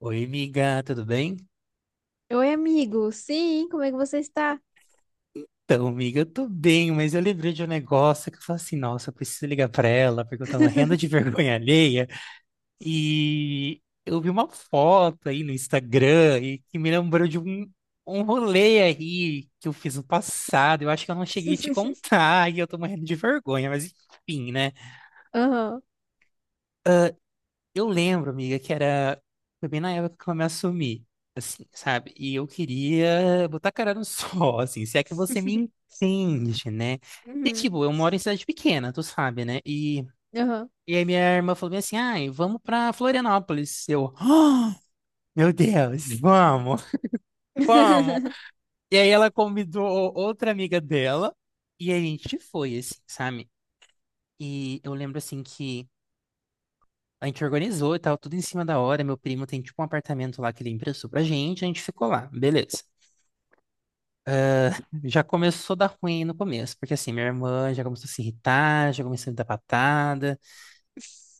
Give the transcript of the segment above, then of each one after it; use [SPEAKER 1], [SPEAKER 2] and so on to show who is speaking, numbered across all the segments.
[SPEAKER 1] Oi, amiga, tudo bem?
[SPEAKER 2] Oi, amigo. Sim, como é que você está?
[SPEAKER 1] Então, amiga, eu tô bem, mas eu lembrei de um negócio que eu falei assim, nossa, eu preciso ligar pra ela, porque eu tô morrendo de vergonha alheia. E eu vi uma foto aí no Instagram e que me lembrou de um rolê aí que eu fiz no passado. Eu acho que eu não cheguei a te contar e eu tô morrendo de vergonha, mas enfim, né?
[SPEAKER 2] Aham.
[SPEAKER 1] Eu lembro, amiga, que era. Foi bem na época que eu me assumi, assim, sabe? E eu queria botar a cara no sol, assim, se é que você me entende, né? E,
[SPEAKER 2] Uhum.
[SPEAKER 1] tipo, eu moro em cidade pequena, tu sabe, né? E,
[SPEAKER 2] Aham.
[SPEAKER 1] e aí minha irmã falou bem assim: ai, vamos pra Florianópolis. Eu, "Ah, meu Deus, vamos, vamos. E aí ela convidou outra amiga dela e a gente foi, assim, sabe? E eu lembro, assim, que. A gente organizou e tal, tudo em cima da hora. Meu primo tem tipo um apartamento lá que ele emprestou pra gente, a gente ficou lá, beleza. Já começou a dar ruim no começo, porque assim, minha irmã já começou a se irritar, já começou a me dar patada,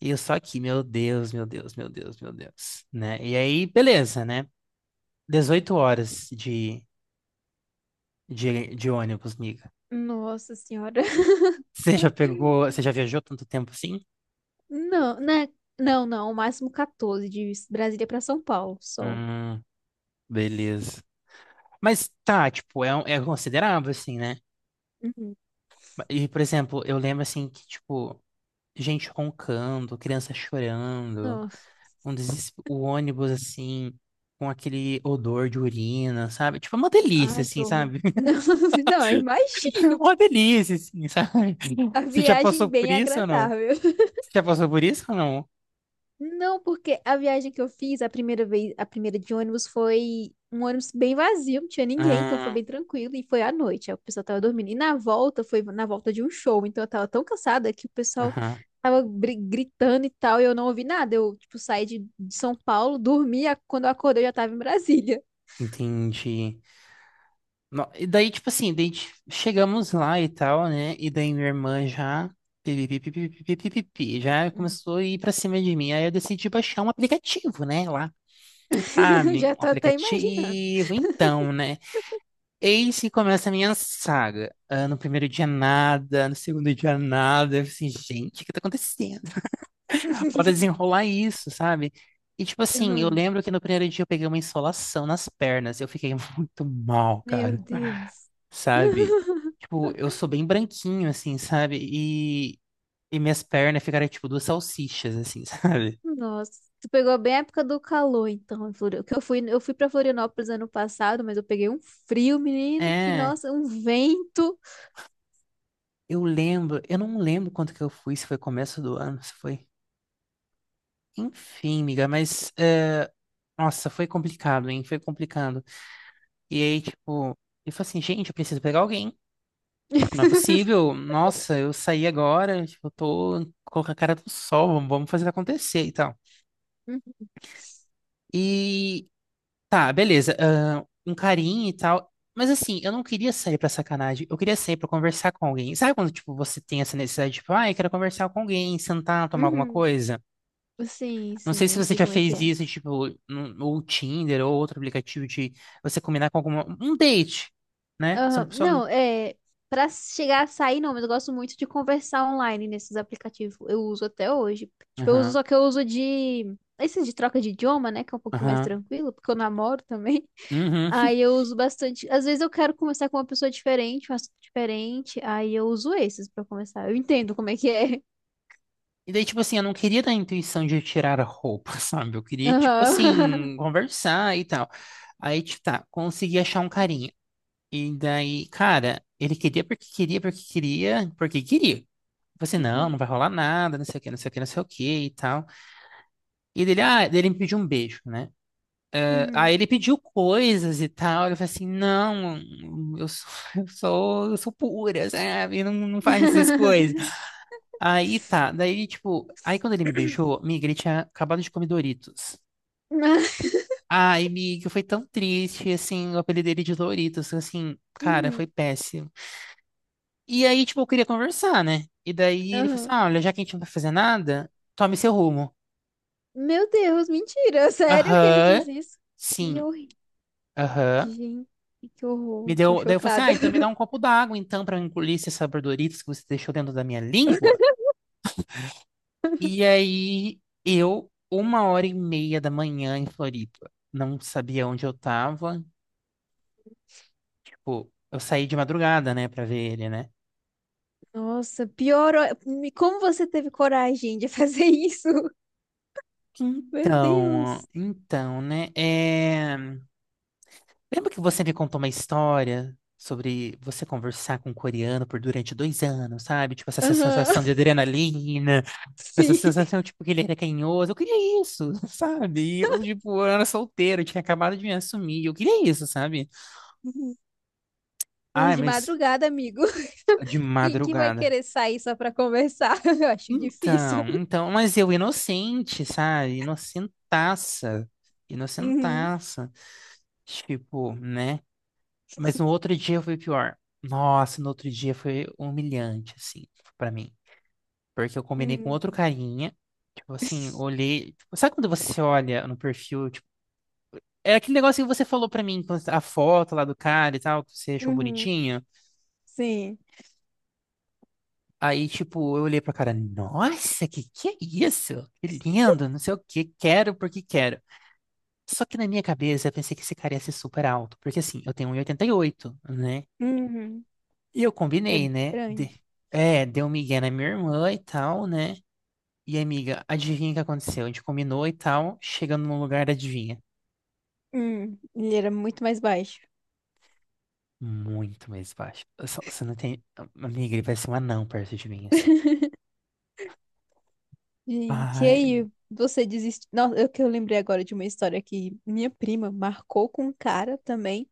[SPEAKER 1] e eu só aqui, meu Deus, meu Deus, meu Deus, meu Deus, né? E aí, beleza, né? 18 horas de ônibus, miga.
[SPEAKER 2] Nossa senhora.
[SPEAKER 1] Você já pegou, você já viajou tanto tempo assim?
[SPEAKER 2] Não, né? Não. O máximo 14 de Brasília para São Paulo, só.
[SPEAKER 1] Hum, beleza. Mas tá, tipo, é, é considerável assim, né?
[SPEAKER 2] Uhum.
[SPEAKER 1] E, por exemplo, eu lembro assim que, tipo, gente roncando, criança chorando,
[SPEAKER 2] Nossa.
[SPEAKER 1] o ônibus assim, com aquele odor de urina, sabe? Tipo, é uma delícia,
[SPEAKER 2] Ai, que
[SPEAKER 1] assim,
[SPEAKER 2] horror.
[SPEAKER 1] sabe?
[SPEAKER 2] Não, não, imagino.
[SPEAKER 1] Uma delícia, assim, sabe?
[SPEAKER 2] A
[SPEAKER 1] Você já
[SPEAKER 2] viagem
[SPEAKER 1] passou por
[SPEAKER 2] bem
[SPEAKER 1] isso ou não?
[SPEAKER 2] agradável.
[SPEAKER 1] Você já passou por isso ou não?
[SPEAKER 2] Não, porque a viagem que eu fiz, a primeira vez, a primeira de ônibus foi um ônibus bem vazio, não tinha ninguém, então foi
[SPEAKER 1] Ah,
[SPEAKER 2] bem tranquilo e foi à noite, aí o pessoal tava dormindo. E na volta, foi na volta de um show, então eu tava tão cansada que o pessoal
[SPEAKER 1] aham,
[SPEAKER 2] gritando e tal, e eu não ouvi nada. Eu, tipo, saí de São Paulo, dormi, quando eu acordei eu já tava em Brasília.
[SPEAKER 1] entendi. E daí, tipo assim, chegamos lá e tal, né? E daí minha irmã já. Pi, pi, pi, pi, pi, pi, pi, pi, pi, já começou a ir pra cima de mim. Aí eu decidi baixar um aplicativo, né? Lá. Sabe,
[SPEAKER 2] Já
[SPEAKER 1] um
[SPEAKER 2] tô até imaginando.
[SPEAKER 1] aplicativo, então, né? Eis que começa a minha saga. Ah, no primeiro dia nada, no segundo dia nada. Eu assim, gente, o que tá acontecendo? Bora desenrolar isso, sabe? E tipo assim, eu
[SPEAKER 2] Ah,
[SPEAKER 1] lembro que no primeiro dia eu peguei uma insolação nas pernas. Eu fiquei muito mal,
[SPEAKER 2] meu
[SPEAKER 1] cara.
[SPEAKER 2] Deus.
[SPEAKER 1] Sabe? Tipo, eu sou bem branquinho, assim, sabe? E minhas pernas ficaram tipo duas salsichas, assim, sabe?
[SPEAKER 2] Nossa, tu pegou bem a época do calor, então, em Florianópolis. Que eu fui para Florianópolis ano passado, mas eu peguei um frio, menino, que
[SPEAKER 1] É,
[SPEAKER 2] nossa, um vento.
[SPEAKER 1] eu lembro, eu não lembro quanto que eu fui, se foi começo do ano, se foi. Enfim, amiga, mas é, nossa, foi complicado, hein? Foi complicado. E aí, tipo, eu falei assim, gente, eu preciso pegar alguém. Não é possível. Nossa, eu saí agora, tipo, eu tô com a cara do sol, vamos vamos fazer acontecer e tal.
[SPEAKER 2] Uhum.
[SPEAKER 1] E tá, beleza. Ah, um carinho e tal. Mas assim, eu não queria sair pra sacanagem, eu queria sair pra conversar com alguém. Sabe quando, tipo, você tem essa necessidade, tipo, ah, eu quero conversar com alguém, sentar, tomar alguma
[SPEAKER 2] Uhum.
[SPEAKER 1] coisa?
[SPEAKER 2] Sim,
[SPEAKER 1] Não sei
[SPEAKER 2] sim,
[SPEAKER 1] se
[SPEAKER 2] eu
[SPEAKER 1] você
[SPEAKER 2] sei
[SPEAKER 1] já
[SPEAKER 2] como é que
[SPEAKER 1] fez
[SPEAKER 2] é.
[SPEAKER 1] isso, tipo, no Tinder ou outro aplicativo de você combinar com alguma, um date, né? Você
[SPEAKER 2] Aham.
[SPEAKER 1] não só.
[SPEAKER 2] Não, é para chegar a sair, não, mas eu gosto muito de conversar online nesses aplicativos. Eu uso até hoje. Tipo, eu uso,
[SPEAKER 1] Aham,
[SPEAKER 2] só que eu uso de esses de troca de idioma, né, que é um pouquinho mais
[SPEAKER 1] aham,
[SPEAKER 2] tranquilo, porque eu namoro também.
[SPEAKER 1] uhum.
[SPEAKER 2] Aí eu uso bastante. Às vezes eu quero conversar com uma pessoa diferente, um assunto diferente. Aí eu uso esses pra começar. Eu entendo como é que é.
[SPEAKER 1] E daí, tipo assim, eu não queria dar a intuição de tirar a roupa, sabe? Eu queria, tipo
[SPEAKER 2] Aham.
[SPEAKER 1] assim, conversar e tal. Aí, tipo, tá, consegui achar um carinha. E daí, cara, ele queria porque queria, porque queria, porque queria. Eu falei assim, não, não vai rolar nada, não sei o que, não sei o que, não sei o que e tal. E dele, ah, dele me pediu um beijo, né?
[SPEAKER 2] Uhum.
[SPEAKER 1] Aí ele pediu coisas e tal. Eu falei assim, não, eu sou, eu sou pura, sabe? Não, não faz essas coisas. Aí tá, daí tipo, aí quando ele me beijou, miga, ele tinha acabado de comer Doritos.
[SPEAKER 2] Uhum.
[SPEAKER 1] Ai, miga, foi tão triste, assim, o apelido dele de Doritos, assim, cara,
[SPEAKER 2] Uhum.
[SPEAKER 1] foi péssimo. E aí, tipo, eu queria conversar, né? E daí ele falou assim,
[SPEAKER 2] Aham.
[SPEAKER 1] ah, olha, já que a gente não vai fazer nada, tome seu rumo.
[SPEAKER 2] Meu Deus, mentira. Sério que ele
[SPEAKER 1] Aham,
[SPEAKER 2] fez isso? Que
[SPEAKER 1] sim,
[SPEAKER 2] horrível.
[SPEAKER 1] aham.
[SPEAKER 2] Gente, que
[SPEAKER 1] Me
[SPEAKER 2] horror. Tô
[SPEAKER 1] deu, daí eu falei assim, ah,
[SPEAKER 2] chocada.
[SPEAKER 1] então me dá um copo d'água, então, para eu engolir esses sabordoritos que você deixou dentro da minha língua. E aí, eu, 1:30 da manhã em Floripa, não sabia onde eu tava, tipo, eu saí de madrugada, né, pra ver ele, né?
[SPEAKER 2] Nossa, pior. Como você teve coragem de fazer isso? Meu
[SPEAKER 1] Então,
[SPEAKER 2] Deus.
[SPEAKER 1] então, né, é... Lembra que você me contou uma história sobre você conversar com um coreano por durante 2 anos, sabe? Tipo, essa sensação de
[SPEAKER 2] Aham.
[SPEAKER 1] adrenalina. Essa
[SPEAKER 2] Sim.
[SPEAKER 1] sensação, tipo, que ele era carinhoso. Eu queria isso, sabe? E eu, tipo, eu era solteiro, eu tinha acabado de me assumir. Eu queria isso, sabe?
[SPEAKER 2] Mas
[SPEAKER 1] Ai,
[SPEAKER 2] de
[SPEAKER 1] mas
[SPEAKER 2] madrugada, amigo.
[SPEAKER 1] de
[SPEAKER 2] Quem que vai
[SPEAKER 1] madrugada.
[SPEAKER 2] querer sair só pra conversar? Eu acho difícil.
[SPEAKER 1] Então, então, mas eu inocente, sabe?
[SPEAKER 2] Uhum,
[SPEAKER 1] Inocentaça. Tipo, né? Mas no outro dia foi pior. Nossa, no outro dia foi humilhante, assim, pra mim. Porque eu combinei com
[SPEAKER 2] uhum,
[SPEAKER 1] outro carinha. Tipo assim, olhei. Tipo, sabe quando você olha no perfil, é aquele negócio que você falou pra mim, quando a foto lá do cara e tal, que você achou
[SPEAKER 2] uhum.
[SPEAKER 1] bonitinho.
[SPEAKER 2] Sim.
[SPEAKER 1] Aí, tipo, eu olhei pra cara, nossa, que é isso? Que lindo, não sei o que, quero porque quero. Só que na minha cabeça eu pensei que esse cara ia ser super alto, porque assim, eu tenho 1,88, né?
[SPEAKER 2] Uhum.
[SPEAKER 1] E eu
[SPEAKER 2] É
[SPEAKER 1] combinei, né? De...
[SPEAKER 2] grande.
[SPEAKER 1] É, deu um migué na minha irmã e tal, né? E amiga, adivinha o que aconteceu? A gente combinou e tal, chegando no lugar, adivinha?
[SPEAKER 2] Ele era muito mais baixo.
[SPEAKER 1] Muito mais baixo. Eu só- Você não tem. Amiga, ele vai ser um anão perto de mim, assim.
[SPEAKER 2] Gente, e
[SPEAKER 1] Ai,
[SPEAKER 2] aí, você desiste? Nossa, eu lembrei agora de uma história que minha prima marcou com um cara também.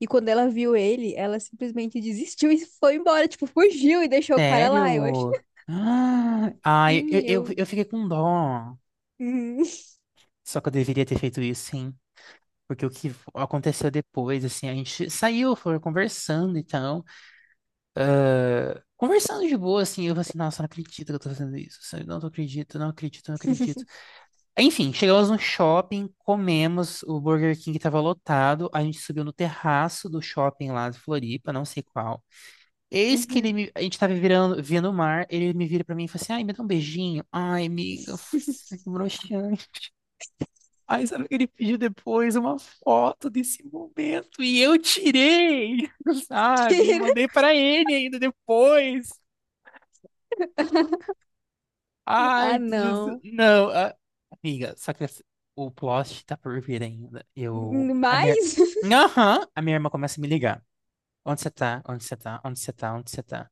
[SPEAKER 2] E quando ela viu ele, ela simplesmente desistiu e foi embora. Tipo, fugiu e deixou o cara lá. Eu acho.
[SPEAKER 1] sério? Ah, ai,
[SPEAKER 2] Sim, eu.
[SPEAKER 1] eu fiquei com dó.
[SPEAKER 2] Uhum.
[SPEAKER 1] Só que eu deveria ter feito isso, sim. Porque o que aconteceu depois, assim, a gente saiu, foi conversando e tal. Conversando de boa, assim, eu falei assim, nossa, não acredito que eu tô fazendo isso, sabe? Não, não acredito, não acredito, não acredito. Enfim, chegamos no shopping, comemos, o Burger King tava lotado, a gente subiu no terraço do shopping lá de Floripa, não sei qual. Eis que
[SPEAKER 2] Uhum.
[SPEAKER 1] ele me, a gente tava virando, vendo o mar, ele me vira pra mim e fala assim, ai, me dá um beijinho. Ai, amiga, nossa, que broxante. Ai, sabe o que ele pediu depois? Uma foto desse momento. E eu tirei, sabe? E
[SPEAKER 2] Tira.
[SPEAKER 1] mandei pra ele ainda depois.
[SPEAKER 2] Ah,
[SPEAKER 1] Ai, Jesus.
[SPEAKER 2] não.
[SPEAKER 1] Não, amiga, só que o plot tá por vir ainda. Eu, a minha...
[SPEAKER 2] Mais?
[SPEAKER 1] Aham, a minha irmã começa a me ligar. Onde você tá? Onde você tá? Onde você tá? Onde você tá?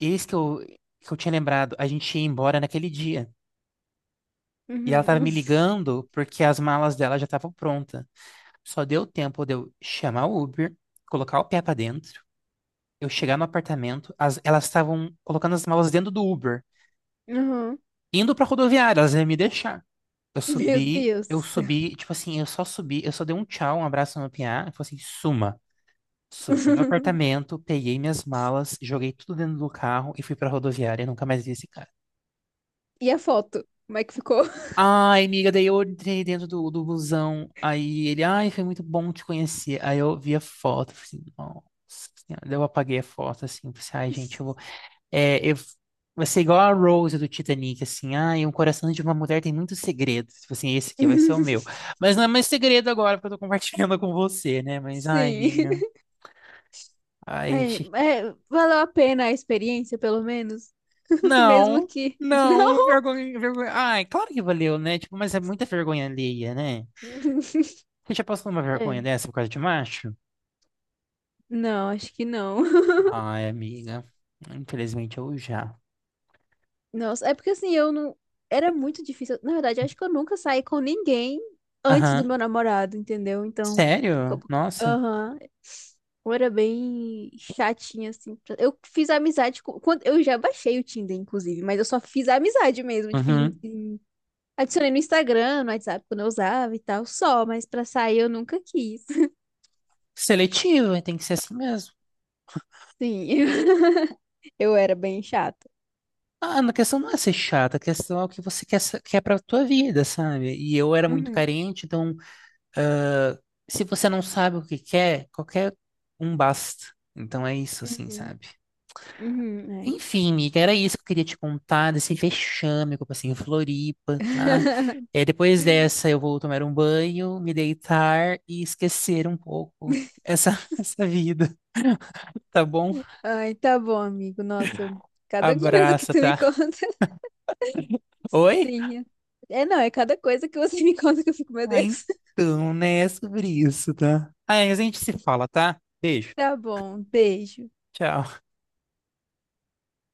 [SPEAKER 1] Eis que eu tinha lembrado, a gente ia embora naquele dia. E ela tava
[SPEAKER 2] Uhum.
[SPEAKER 1] me ligando porque as malas dela já estavam prontas. Só deu tempo de eu chamar o Uber, colocar o pé pra dentro, eu chegar no apartamento, elas estavam colocando as malas dentro do Uber,
[SPEAKER 2] Uhum.
[SPEAKER 1] indo pra rodoviária, elas iam me deixar.
[SPEAKER 2] Meu Deus do céu.
[SPEAKER 1] Eu só subi, eu só dei um tchau, um abraço no PA, e falei assim, suma. Subi no apartamento, peguei minhas malas, joguei tudo dentro do carro e fui pra rodoviária e nunca mais vi esse cara.
[SPEAKER 2] E a foto? Como é que ficou?
[SPEAKER 1] Ai, amiga, daí eu entrei dentro do busão. Aí ele, ai, foi muito bom te conhecer. Aí eu vi a foto, falei assim, nossa senhora. Daí eu apaguei a foto, assim, falei assim, ai, gente, eu vou. É, eu... Vai ser igual a Rose do Titanic, assim, ai, um coração de uma mulher tem muitos segredos. Tipo assim, esse aqui vai ser o meu. Mas não é mais segredo agora, porque eu tô compartilhando com você, né? Mas, ai,
[SPEAKER 2] Sim.
[SPEAKER 1] amiga, ai,
[SPEAKER 2] É, é, valeu a pena a experiência, pelo menos? Mesmo
[SPEAKER 1] não,
[SPEAKER 2] que.
[SPEAKER 1] não,
[SPEAKER 2] Não.
[SPEAKER 1] vergonha, vergonha. Ai, claro que valeu, né? Tipo, mas é muita vergonha alheia, né? Você já passou uma
[SPEAKER 2] É,
[SPEAKER 1] vergonha dessa por causa de macho?
[SPEAKER 2] não, acho que não.
[SPEAKER 1] Ai, amiga. Infelizmente eu já.
[SPEAKER 2] Nossa, é porque assim, eu não. Era muito difícil. Na verdade, eu acho que eu nunca saí com ninguém antes do
[SPEAKER 1] Aham.
[SPEAKER 2] meu namorado, entendeu? Então,
[SPEAKER 1] Sério?
[SPEAKER 2] como-
[SPEAKER 1] Nossa.
[SPEAKER 2] aham. Eu era bem chatinha, assim. Eu fiz amizade com. Quando... Eu já baixei o Tinder, inclusive, mas eu só fiz amizade mesmo. Tipo,
[SPEAKER 1] Uhum.
[SPEAKER 2] adicionei no Instagram, no WhatsApp, quando eu usava e tal, só, mas pra sair eu nunca quis.
[SPEAKER 1] Seletivo, tem que ser assim mesmo.
[SPEAKER 2] Sim, eu era bem chata.
[SPEAKER 1] Ah, a questão não é ser chata, a questão é o que você quer, quer pra tua vida, sabe? E eu era muito
[SPEAKER 2] Uhum,
[SPEAKER 1] carente, então, ah, se você não sabe o que quer, qualquer um basta. Então é isso, assim,
[SPEAKER 2] uhum,
[SPEAKER 1] sabe?
[SPEAKER 2] uhum, é.
[SPEAKER 1] Enfim, amiga, era isso que eu queria te contar desse vexame que eu passei em Floripa, tá? É, depois dessa, eu vou tomar um banho, me deitar e esquecer um pouco essa, essa vida, tá bom?
[SPEAKER 2] Ai, tá bom, amigo. Nossa, cada coisa que
[SPEAKER 1] Abraça,
[SPEAKER 2] tu me
[SPEAKER 1] tá?
[SPEAKER 2] conta,
[SPEAKER 1] Oi?
[SPEAKER 2] assim. É, não, é cada coisa que você me conta que eu fico, meu
[SPEAKER 1] Ah,
[SPEAKER 2] Deus.
[SPEAKER 1] então, né? É sobre isso, tá? Ah, é, a gente se fala, tá? Beijo.
[SPEAKER 2] Tá bom, beijo.
[SPEAKER 1] Tchau.